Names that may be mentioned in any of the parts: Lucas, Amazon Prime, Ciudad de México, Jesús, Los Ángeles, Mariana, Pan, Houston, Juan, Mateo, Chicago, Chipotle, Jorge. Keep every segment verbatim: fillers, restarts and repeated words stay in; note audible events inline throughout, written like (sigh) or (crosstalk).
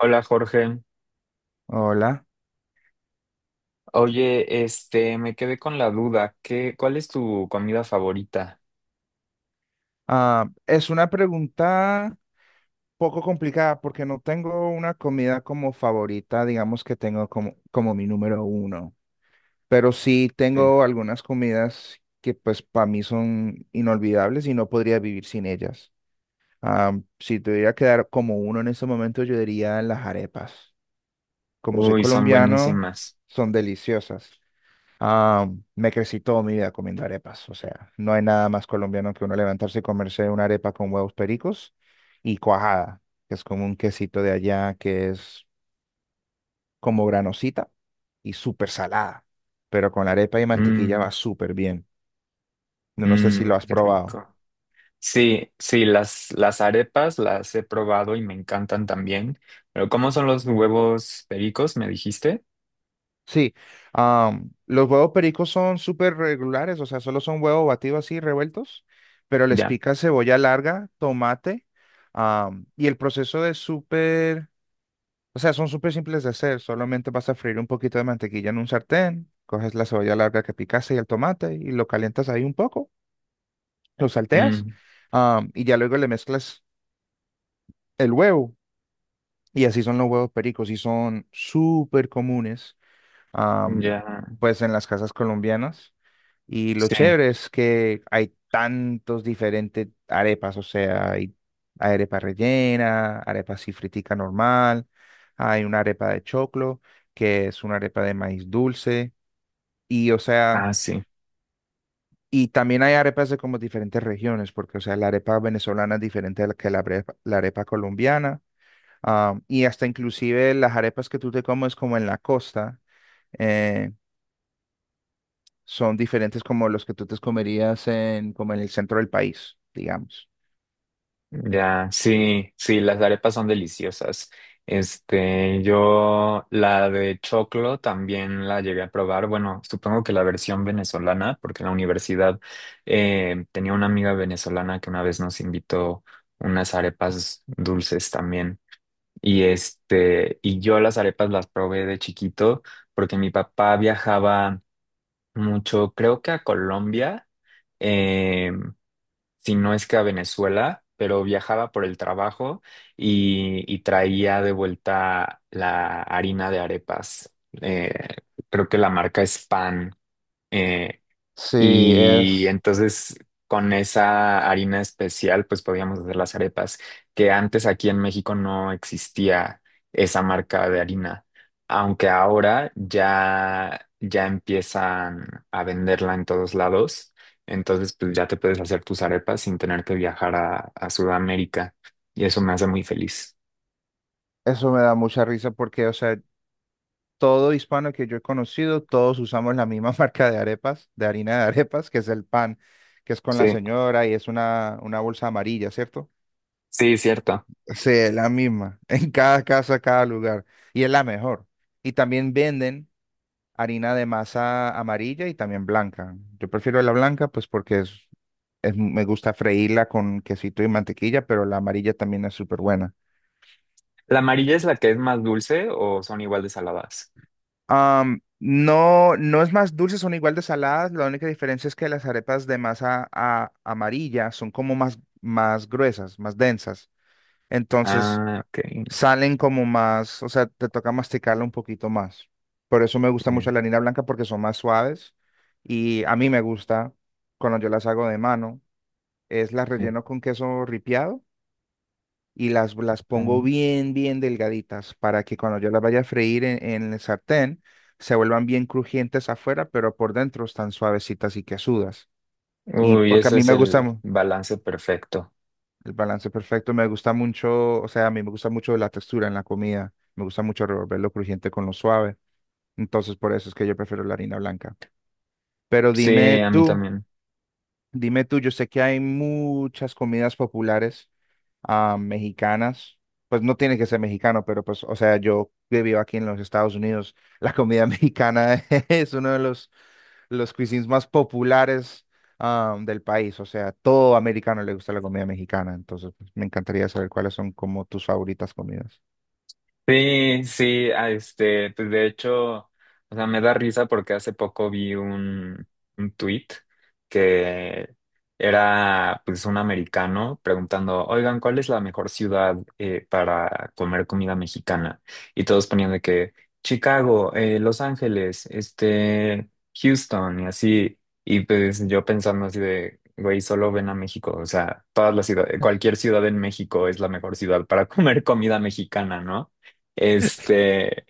Hola Jorge. Hola. Oye, este, me quedé con la duda. ¿Qué, cuál es tu comida favorita? Ah, es una pregunta poco complicada porque no tengo una comida como favorita, digamos que tengo como, como mi número uno, pero sí Sí. tengo algunas comidas que pues para mí son inolvidables y no podría vivir sin ellas. Ah, si tuviera que dar como uno en este momento, yo diría las arepas. Como soy Uy, son colombiano, buenísimas. son deliciosas. Ah, Me crecí toda mi vida comiendo arepas, o sea, no hay nada más colombiano que uno levantarse y comerse una arepa con huevos pericos y cuajada, que es como un quesito de allá que es como granosita y súper salada, pero con arepa y mantequilla va Mm, súper bien. No, no sé si lo mm, has qué probado. rico. Sí, sí, las, las arepas las he probado y me encantan también. Pero ¿cómo son los huevos pericos? ¿Me dijiste? Sí, ah, los huevos pericos son súper regulares, o sea, solo son huevos batidos así, revueltos, pero les Ya. pica cebolla larga, tomate, ah, y el proceso de súper. O sea, son súper simples de hacer. Solamente vas a freír un poquito de mantequilla en un sartén, coges la cebolla larga que picaste y el tomate y lo calientas ahí un poco, lo salteas, Mm, am, y ya luego le mezclas el huevo. Y así son los huevos pericos y son súper comunes, am, ya. pues en las casas colombianas. Y lo Sí. chévere es que hay tantos diferentes arepas, o sea, hay arepa rellena, arepa así fritica normal, hay una arepa de choclo, que es una arepa de maíz dulce, y o sea, Ah, sí. y también hay arepas de como diferentes regiones, porque o sea, la arepa venezolana es diferente a la que la arepa, la arepa colombiana, ah, y hasta inclusive las arepas que tú te comes como en la costa. eh, Son diferentes como los que tú te comerías en, como en el centro del país, digamos. Ya, sí, sí, las arepas son deliciosas. Este, yo la de choclo también la llegué a probar. Bueno, supongo que la versión venezolana, porque en la universidad eh, tenía una amiga venezolana que una vez nos invitó unas arepas dulces también. Y este, y yo las arepas las probé de chiquito porque mi papá viajaba mucho, creo que a Colombia. eh, si no es que a Venezuela, pero viajaba por el trabajo y, y traía de vuelta la harina de arepas. Eh, Creo que la marca es Pan. eh, Sí, y es, entonces con esa harina especial pues podíamos hacer las arepas, que antes aquí en México no existía esa marca de harina, aunque ahora ya ya empiezan a venderla en todos lados, entonces pues ya te puedes hacer tus arepas sin tener que viajar a, a Sudamérica y eso me hace muy feliz. eso me da mucha risa porque, o sea, todo hispano que yo he conocido, todos usamos la misma (laughs) marca de arepas, de harina de arepas, que es el pan, que es con la Sí, señora y es una, una bolsa amarilla, ¿cierto? sí, cierto. Sí, es la misma, en cada casa, cada lugar, y es la mejor. Y también venden harina de masa amarilla y también blanca. Yo prefiero la blanca pues porque es, es- me gusta freírla con quesito y mantequilla, pero la amarilla también es súper buena. ¿La amarilla es la que es más dulce o son igual de saladas? Am, no, no es más dulce, son igual de saladas. La única diferencia es que las arepas de masa a- amarilla son como más, más gruesas, más densas. Entonces Ah, ok. salen como más, o sea, te toca masticarla un poquito más. Por eso me gusta mucho Bien. la harina blanca porque son más suaves y a mí me gusta cuando yo las hago de mano. Es las relleno con queso ripiado y las, las pongo Ok. bien, bien delgaditas para que cuando yo las vaya a freír en, en el sartén se vuelvan bien crujientes afuera, pero por dentro están suavecitas y quesudas. Y Uy, porque a ese mí es me gusta el mu- balance perfecto. el balance perfecto, me gusta mucho, o sea, a mí me gusta mucho la textura en la comida, me gusta mucho revolver lo crujiente con lo suave. Entonces, por eso es que yo prefiero la harina blanca. Pero Sí, dime a mí tú, también. dime tú, yo sé que hay muchas comidas populares ah, mexicanas, pues no tiene que ser mexicano, pero pues, o sea, yo que vivo aquí en los Estados Unidos, la comida (laughs) mexicana es uno de los, los cuisines más populares ah, del país, o sea, todo americano le gusta la comida mexicana, entonces pues, me encantaría saber cuáles son como tus favoritas comidas. Sí, sí, ah, este, pues de hecho, o sea, me da risa porque hace poco vi un, un tweet que era pues un americano preguntando, oigan, ¿cuál es la mejor ciudad eh, para comer comida mexicana? Y todos ponían de que Chicago, eh, Los Ángeles, este, Houston y así. Y pues yo pensando así de, güey, solo ven a México, o sea, todas las ciudades, cualquier ciudad en México es la mejor ciudad para (laughs) comer comida mexicana, ¿no? Este,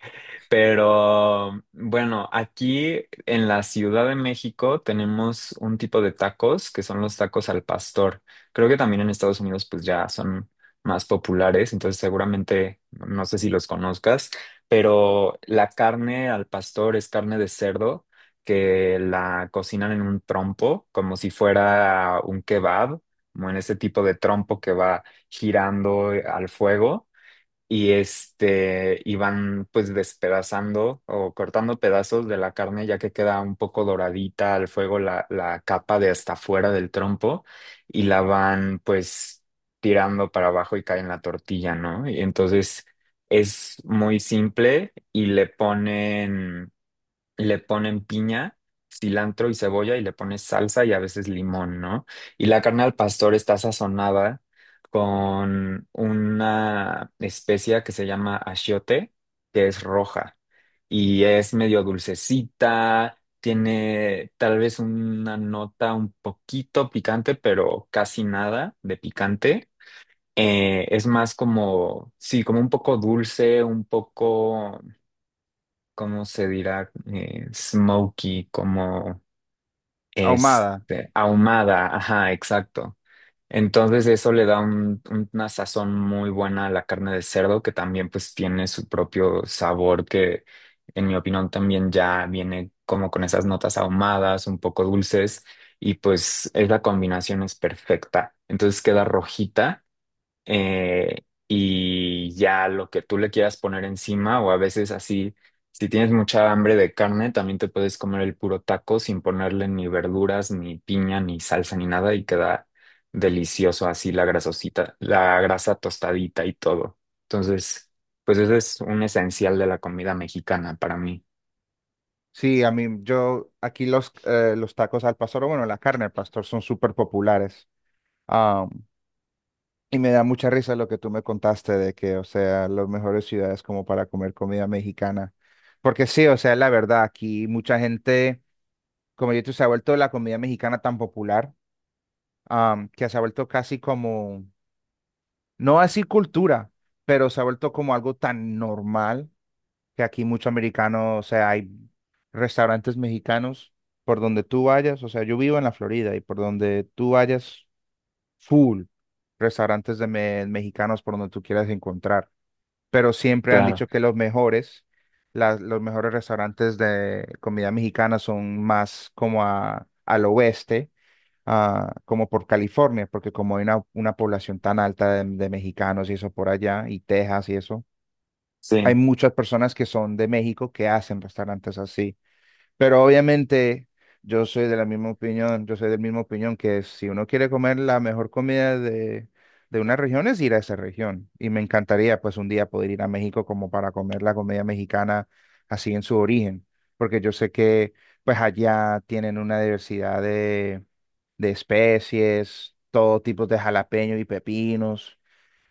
pero bueno, aquí en la Ciudad de México tenemos un tipo de tacos que son los tacos al pastor. Creo que también en Estados Unidos pues ya son más populares, entonces seguramente no sé si los conozcas, pero la carne al pastor es carne de cerdo que la cocinan en un trompo como si fuera un kebab, como en ese tipo de trompo que va girando al fuego y este y van pues despedazando o cortando pedazos de la carne ya que queda un poco doradita al fuego la, la capa de hasta fuera del trompo y la van pues tirando para abajo y cae en la tortilla, ¿no? Y entonces es muy simple y le ponen le ponen piña, cilantro y cebolla y le pones salsa y a veces limón, ¿no? Y la carne al pastor está sazonada con una especia que se llama achiote, que es roja y es medio dulcecita, tiene tal vez una nota un poquito picante, pero casi nada de picante. Eh, es más como, sí, como un poco dulce, un poco ¿cómo se dirá? Eh, smoky, como Ahumada, este, ahumada, ajá, exacto. Entonces eso le da un- una sazón muy buena a la carne de cerdo, que también pues tiene su propio sabor, que en mi opinión también ya viene como con esas notas ahumadas, un poco dulces, y pues es la combinación es perfecta. Entonces queda rojita eh, y ya lo que tú le quieras poner encima o a veces así, si tienes mucha hambre de carne, también te puedes comer el puro taco sin ponerle ni verduras, ni piña, ni salsa, ni nada y queda delicioso así la grasosita, la grasa tostadita y todo. Entonces, pues ese es un esencial de la comida mexicana para mí. sí, a mí, yo, aquí los, eh, los tacos al pastor, o bueno, la carne al pastor son súper populares. Y me da mucha risa lo que tú me contaste de que, o sea, las mejores ciudades como para comer comida mexicana. Porque sí, o sea, la verdad, aquí mucha gente, como yo, te- se ha vuelto la comida mexicana tan popular, am, que se ha vuelto casi como, no así cultura, pero se ha vuelto como algo tan normal que aquí mucho americano, o sea, hay restaurantes mexicanos por donde tú vayas, o sea, yo vivo en la Florida y por donde tú vayas, full restaurantes de me- mexicanos por donde tú quieras encontrar. Pero siempre han Claro, dicho que los mejores, las- los mejores restaurantes de comida mexicana son más como a- al oeste, ah, como por California, porque como hay una, una población tan alta de, de mexicanos y eso por allá, y Texas y eso, sí. hay muchas personas que son de México que hacen restaurantes así. Pero obviamente yo soy de la misma opinión, yo soy de la misma opinión que si uno quiere comer la mejor comida de, de una región es ir a esa región. Y me encantaría pues un día poder ir a México como para comer la comida mexicana así en su origen, porque yo sé que pues allá tienen una diversidad de, de especies, todo tipo de jalapeños y pepinos.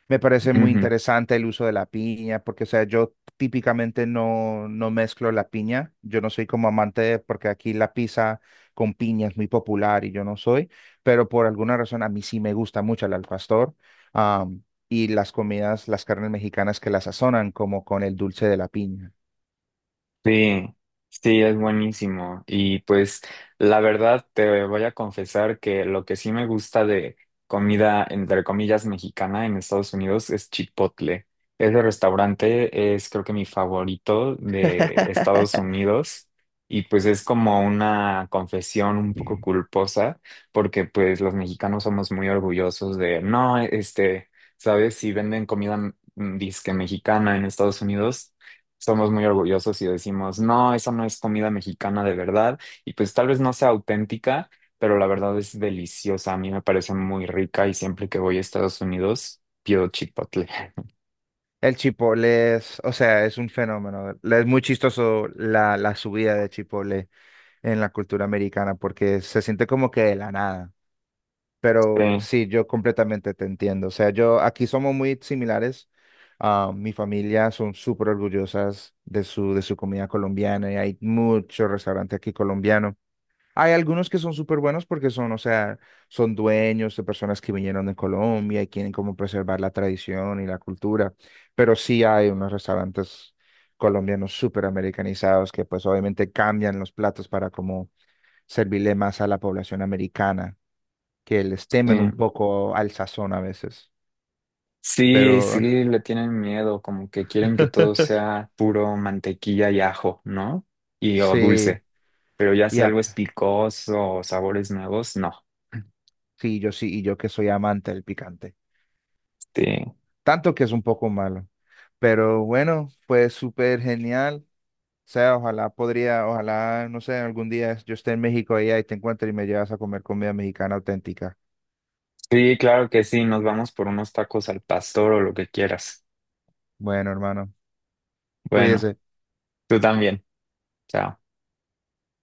Me parece muy Ujú. interesante el uso de la piña, porque, o sea, yo típicamente no, no mezclo la piña. Yo no soy como amante, de- porque aquí la pizza con piña es muy popular y yo no soy, pero por alguna razón a mí sí me gusta mucho el al pastor. am, y las comidas, las carnes mexicanas que la sazonan, como con el dulce de la piña. Sí, sí, es buenísimo. Y pues la verdad te voy a confesar que lo que sí me gusta de comida, entre comillas, mexicana en Estados Unidos es Chipotle. Ese restaurante es creo que mi favorito de Estados (laughs) Unidos y pues es como una confesión un poco culposa porque pues los mexicanos somos muy orgullosos de, no, este, ¿sabes? Si venden comida mm, disque mexicana en Estados Unidos somos muy orgullosos y decimos, no, esa no es comida mexicana de verdad, y pues tal vez no sea auténtica, pero la verdad es deliciosa, a mí me parece muy rica y siempre que voy a Estados Unidos pido Chipotle. (laughs) El chipotle es, o sea, es un fenómeno. Es muy chistoso la, la subida de chipotle en la cultura americana, porque se siente como que de la nada. Pero Sí, sí, yo completamente te entiendo. O sea, yo aquí somos muy similares. Ah, mi familia son súper orgullosas de su, de su comida colombiana y hay muchos restaurantes aquí colombianos. Hay algunos que son súper buenos porque son, o sea, son dueños de personas que vinieron de Colombia y quieren como preservar la tradición y la cultura. Pero sí hay unos restaurantes colombianos súper americanizados que pues obviamente cambian los platos para como servirle más a la población americana que les sí. temen un poco al sazón a veces. Sí, sí, Pero le tienen miedo, como que quieren que todo (laughs) sea puro mantequilla y ajo, ¿no? Y o sí, dulce, pero ya si ya, algo es picoso o sabores nuevos, no. sí, yo sí, y yo que soy amante del picante. Sí. Tanto que es un poco malo. Pero bueno, fue súper genial. O sea, ojalá podría, ojalá, no sé, algún día yo esté en México allá y te encuentre y me llevas a comer comida mexicana auténtica. Sí, claro que sí, nos vamos por unos tacos al pastor o lo que quieras. Bueno, hermano, Bueno. cuídese. Tú también. Chao.